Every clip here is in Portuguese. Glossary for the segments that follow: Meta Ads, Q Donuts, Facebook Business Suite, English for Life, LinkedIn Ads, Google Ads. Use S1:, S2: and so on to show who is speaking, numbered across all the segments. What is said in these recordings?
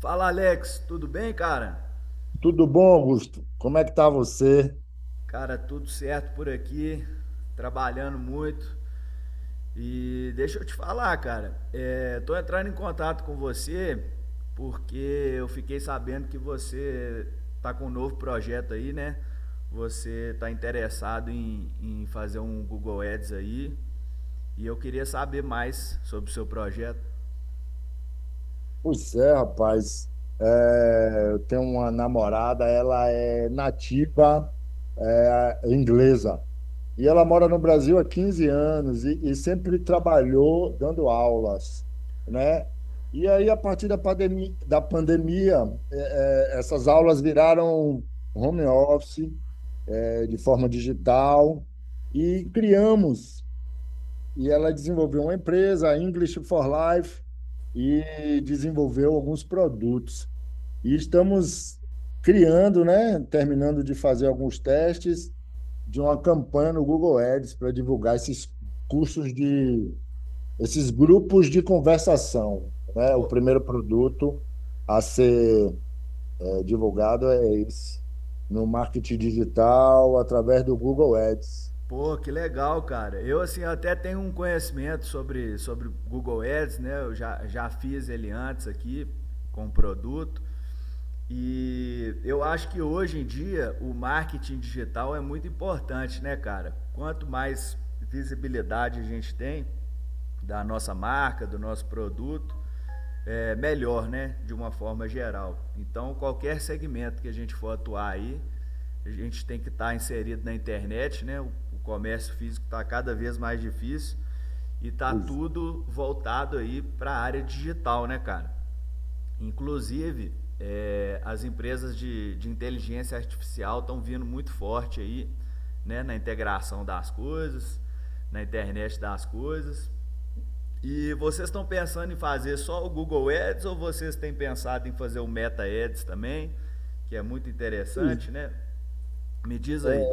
S1: Fala, Alex, tudo bem, cara?
S2: Tudo bom, Augusto? Como é que tá você?
S1: Cara, tudo certo por aqui, trabalhando muito. E deixa eu te falar, cara, tô entrando em contato com você porque eu fiquei sabendo que você tá com um novo projeto aí, né? Você tá interessado em fazer um Google Ads aí e eu queria saber mais sobre o seu projeto.
S2: Pois é, rapaz. Eu tenho uma namorada, ela é nativa, inglesa. E ela mora no Brasil há 15 anos e, sempre trabalhou dando aulas, né? E aí, a partir da pandemia, essas aulas viraram home office, de forma digital, e criamos. E ela desenvolveu uma empresa, a English for Life, e desenvolveu alguns produtos. E estamos criando, né, terminando de fazer alguns testes de uma campanha no Google Ads para divulgar esses cursos de esses grupos de conversação, né? O
S1: Pô,
S2: primeiro produto a ser divulgado é esse, no marketing digital através do Google Ads.
S1: Pô, que legal, cara. Eu, assim, até tenho um conhecimento sobre Google Ads, né? Eu já fiz ele antes aqui com o produto. E eu acho que hoje em dia o marketing digital é muito importante, né, cara? Quanto mais visibilidade a gente tem da nossa marca, do nosso produto, é melhor, né? De uma forma geral. Então, qualquer segmento que a gente for atuar aí a gente tem que estar inserido na internet, né? O comércio físico está cada vez mais difícil e está
S2: Os-
S1: tudo voltado aí para a área digital, né, cara? Inclusive, as empresas de inteligência artificial estão vindo muito forte aí, né, na integração das coisas, na internet das coisas. E vocês estão pensando em fazer só o Google Ads ou vocês têm pensado em fazer o Meta Ads também, que é muito interessante,
S2: os-
S1: né? Me diz aí.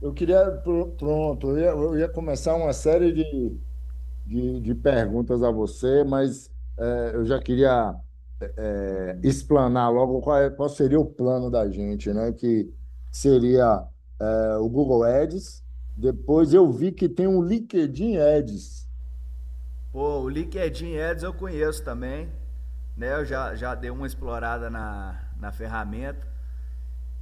S2: Eu queria, pronto, eu ia começar uma série de, perguntas a você, mas eu já queria explanar logo qual, qual seria o plano da gente, né? Que seria o Google Ads. Depois eu vi que tem um LinkedIn Ads.
S1: Pô, o LinkedIn Ads eu conheço também, né? Eu já dei uma explorada na ferramenta.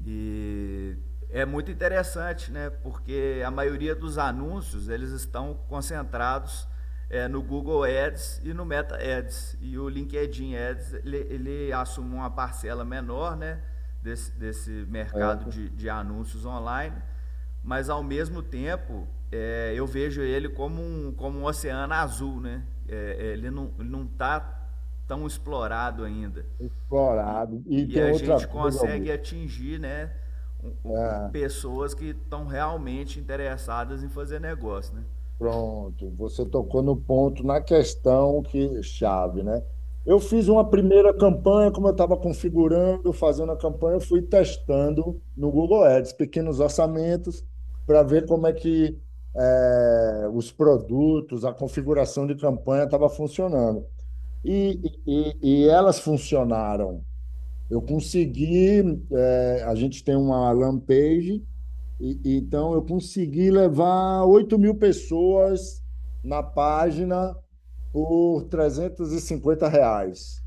S1: E é muito interessante, né? Porque a maioria dos anúncios eles estão concentrados no Google Ads e no Meta Ads. E o LinkedIn Ads ele assume uma parcela menor, né? Desse mercado
S2: eh,
S1: de anúncios online, mas ao mesmo tempo eu vejo ele como um oceano azul, né? É, ele não está tão explorado ainda. E,
S2: explorado, e
S1: e
S2: tem
S1: a gente
S2: outra coisa,
S1: consegue
S2: Augusto.
S1: atingir, né?
S2: é,
S1: Pessoas que estão realmente interessadas em fazer negócio, né?
S2: Pronto, você tocou no ponto, na questão que chave, né? Eu fiz uma primeira campanha, como eu estava configurando, fazendo a campanha, eu fui testando no Google Ads, pequenos orçamentos, para ver como é que os produtos, a configuração de campanha estava funcionando. E, e elas funcionaram. Eu consegui, a gente tem uma landing page. Então, eu consegui levar 8 mil pessoas na página por R$ 350,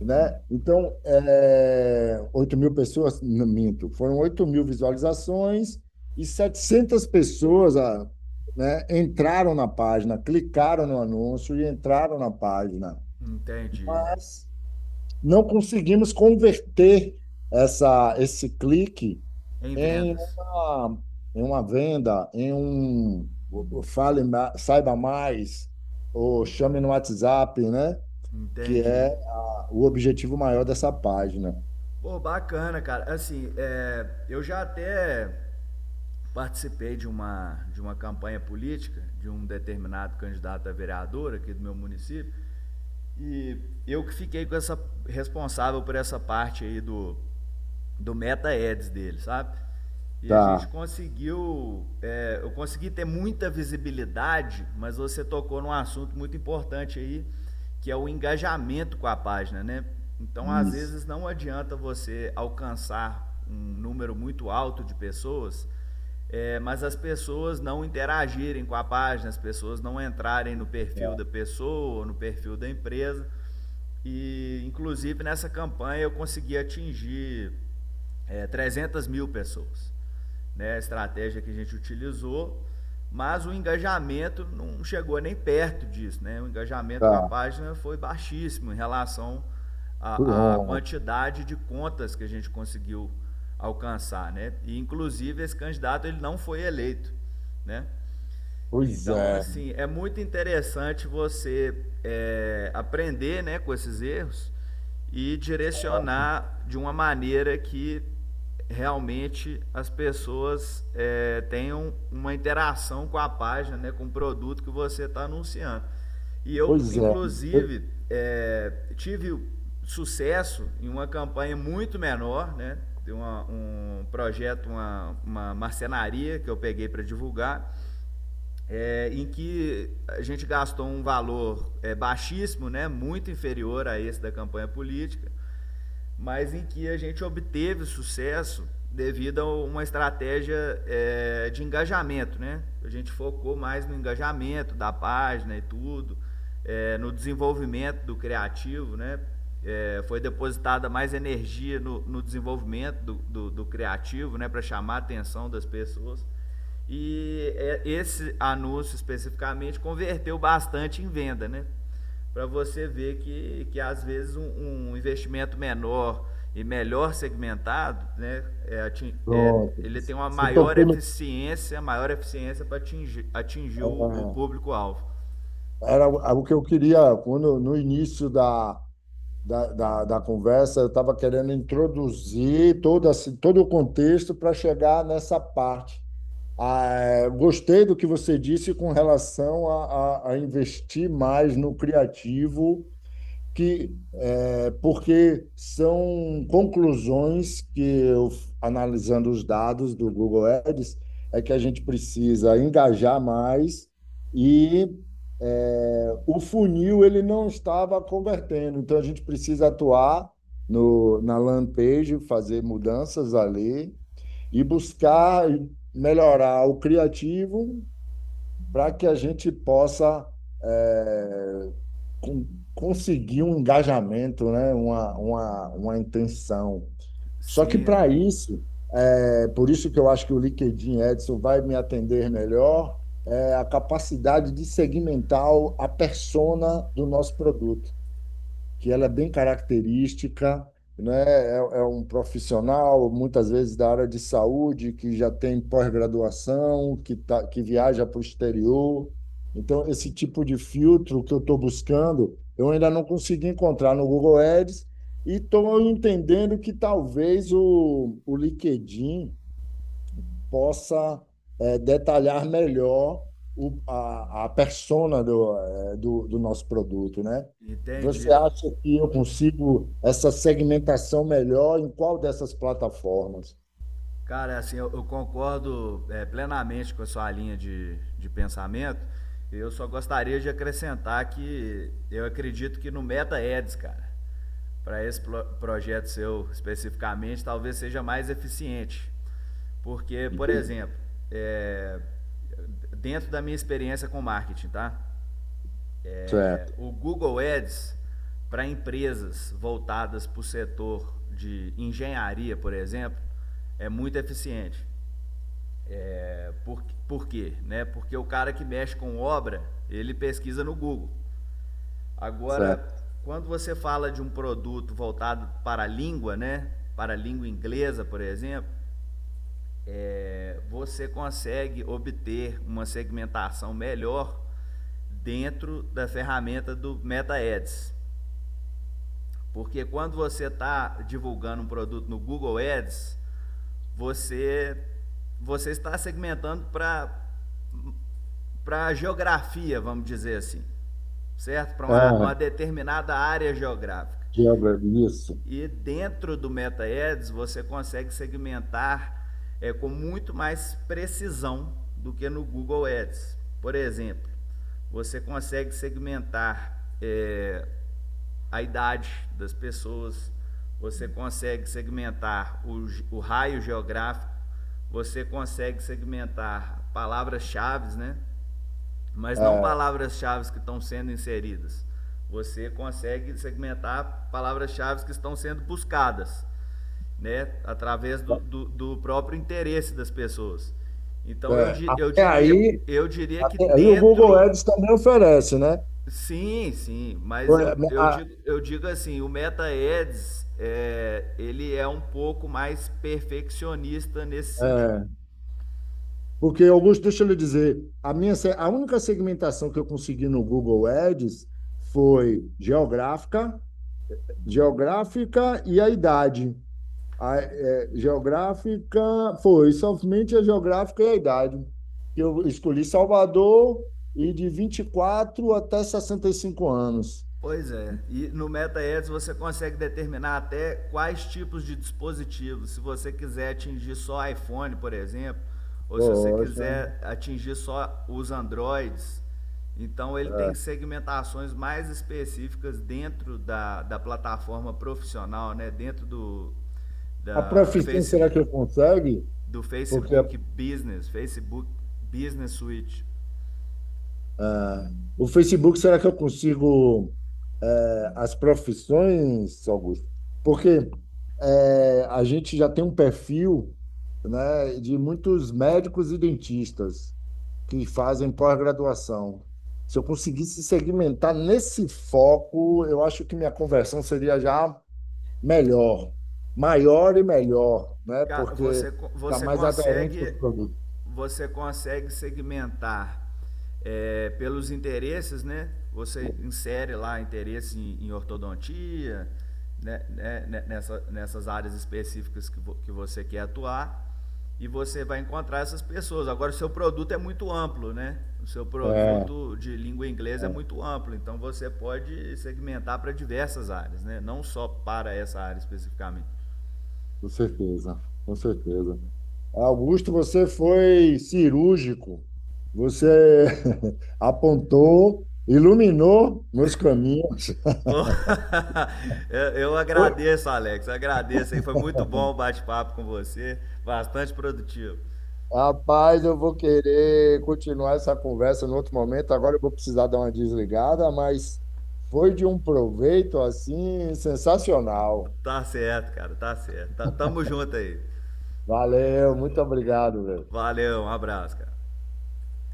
S2: né? Então, é, 8 mil pessoas, não minto, foram 8 mil visualizações e 700 pessoas, ah, né, entraram na página, clicaram no anúncio e entraram na página.
S1: Entendi.
S2: Mas não conseguimos converter esse clique
S1: Em
S2: em
S1: vendas.
S2: uma, em uma venda, em um saiba mais, ou chame no WhatsApp, né? Que
S1: Entendi.
S2: é o objetivo maior dessa página.
S1: Pô, bacana, cara. Assim, eu já até participei de uma campanha política de um determinado candidato a vereador aqui do meu município. E eu que fiquei com essa responsável por essa parte aí do meta ads dele, sabe? E a gente
S2: Tá,
S1: conseguiu, eu consegui ter muita visibilidade, mas você tocou num assunto muito importante aí, que é o engajamento com a página, né? Então, às
S2: isso.
S1: vezes não adianta você alcançar um número muito alto de pessoas, mas as pessoas não interagirem com a página, as pessoas não entrarem no perfil
S2: Tá.
S1: da pessoa, no perfil da empresa. E, inclusive, nessa campanha eu consegui atingir 300 mil pessoas. Né, a estratégia que a gente utilizou, mas o engajamento não chegou nem perto disso. Né? O engajamento com a
S2: Tá.
S1: página foi baixíssimo em relação à
S2: Pronto.
S1: quantidade de contas que a gente conseguiu alcançar. Né? E, inclusive, esse candidato ele não foi eleito. Né?
S2: Pois
S1: Então,
S2: é,
S1: assim, é muito interessante você aprender, né, com esses erros e direcionar de uma maneira que realmente as pessoas tenham uma interação com a página, né, com o produto que você está anunciando. E eu,
S2: pois é.
S1: inclusive, tive sucesso em uma campanha muito menor, né, um projeto, uma marcenaria que eu peguei para divulgar em que a gente gastou um valor baixíssimo, né, muito inferior a esse da campanha política, mas em que a gente obteve sucesso devido a uma estratégia de engajamento, né? A gente focou mais no engajamento da página e tudo, no desenvolvimento do criativo, né? É, foi depositada mais energia no desenvolvimento do criativo, né? Para chamar a atenção das pessoas. Esse anúncio especificamente converteu bastante em venda, né? Para você ver que às vezes um investimento menor e melhor segmentado, né,
S2: Pronto.
S1: ele tem uma
S2: Você tocou no,
S1: maior eficiência para atingir o público-alvo.
S2: era o que eu queria quando, no início da, conversa, eu estava querendo introduzir todo, assim, todo o contexto para chegar nessa parte. Ah, gostei do que você disse com relação a investir mais no criativo que é, porque são conclusões que eu, analisando os dados do Google Ads, é que a gente precisa engajar mais e o funil ele não estava convertendo, então a gente precisa atuar no, na landing page, fazer mudanças ali e buscar melhorar o criativo para que a gente possa é, con- conseguir um engajamento, né? Uma intenção. Só que
S1: Sim,
S2: para isso, é por isso que eu acho que o LinkedIn Edson vai me atender melhor, é a capacidade de segmentar a persona do nosso produto que ela é bem característica, né? É um profissional, muitas vezes da área de saúde, que já tem pós-graduação, que viaja para o exterior. Então, esse tipo de filtro que eu estou buscando, eu ainda não consegui encontrar no Google Ads e estou entendendo que talvez o LinkedIn possa detalhar melhor a persona do nosso produto, né?
S1: entendi.
S2: Você acha que eu consigo essa segmentação melhor em qual dessas plataformas?
S1: Cara, é assim, eu concordo plenamente com a sua linha de pensamento. Eu só gostaria de acrescentar que eu acredito que no Meta Ads, cara, para esse projeto seu especificamente, talvez seja mais eficiente. Porque, por
S2: Entendi.
S1: exemplo, é, dentro da minha experiência com marketing, tá? É,
S2: Certo,
S1: o Google Ads para empresas voltadas para o setor de engenharia, por exemplo, é muito eficiente. Por, por quê? Né? Porque o cara que mexe com obra, ele pesquisa no Google. Agora,
S2: certo.
S1: quando você fala de um produto voltado para a língua, né? Para a língua inglesa, por exemplo, você consegue obter uma segmentação melhor dentro da ferramenta do Meta Ads. Porque quando você está divulgando um produto no Google Ads, você, você está segmentando para para a geografia, vamos dizer assim, certo? Para uma
S2: É,
S1: determinada área geográfica.
S2: Gilbert, isso.
S1: E dentro do MetaEds você consegue segmentar com muito mais precisão do que no Google Ads. Por exemplo, você consegue segmentar a idade das pessoas, você consegue segmentar o raio geográfico, você consegue segmentar palavras-chave, né? Mas não
S2: É,
S1: palavras-chave que estão sendo inseridas. Você consegue segmentar palavras-chave que estão sendo buscadas, né? Através do próprio interesse das pessoas. Então eu,
S2: é,
S1: eu,
S2: até
S1: diria,
S2: aí,
S1: eu diria que
S2: Até aí o Google
S1: dentro.
S2: Ads também oferece, né?
S1: Sim, sim,
S2: É,
S1: mas eu, eu,
S2: a-
S1: digo, eu digo assim, o Meta Ads, ele é um pouco mais perfeccionista nesse sentido.
S2: Porque, Augusto, deixa eu lhe dizer, a minha, se- a única segmentação que eu consegui no Google Ads foi geográfica, e a idade. Geográfica, foi somente a geográfica e a idade. Eu escolhi Salvador e de 24 até 65 anos.
S1: Pois é, e no MetaEds você consegue determinar até quais tipos de dispositivos. Se você quiser atingir só iPhone, por exemplo, ou se você
S2: Poxa.
S1: quiser atingir só os Androids, então ele tem segmentações mais específicas dentro da plataforma profissional, né? Dentro do,
S2: A
S1: da
S2: profissão
S1: face,
S2: será que eu consegue?
S1: do
S2: Porque
S1: Facebook Business, Facebook Business Suite.
S2: Ah, o Facebook, será que eu consigo as profissões, Augusto? Porque a gente já tem um perfil, né, de muitos médicos e dentistas que fazem pós-graduação. Se eu conseguisse segmentar nesse foco, eu acho que minha conversão seria já melhor, maior e melhor, né? Porque
S1: Você,
S2: está
S1: você
S2: mais aderente aos
S1: consegue
S2: produtos.
S1: você consegue segmentar pelos interesses, né? Você insere lá interesse em ortodontia, né, nessas áreas específicas que, que você quer atuar e você vai encontrar essas pessoas. Agora, o seu produto é muito amplo, né? O seu
S2: É.
S1: produto de língua inglesa é muito amplo, então você pode segmentar para diversas áreas, né? Não só para essa área especificamente.
S2: Com certeza, com certeza. Augusto, você foi cirúrgico. Você apontou, iluminou meus caminhos.
S1: Pô, eu
S2: Eu-
S1: agradeço, Alex. Eu agradeço aí. Foi muito bom o bate-papo com você. Bastante produtivo.
S2: Rapaz, eu vou querer continuar essa conversa em outro momento. Agora eu vou precisar dar uma desligada, mas foi de um proveito assim sensacional.
S1: Tá certo, cara. Tá certo. Tá, tamo junto aí.
S2: Valeu, muito obrigado, velho.
S1: Valeu, um abraço, cara.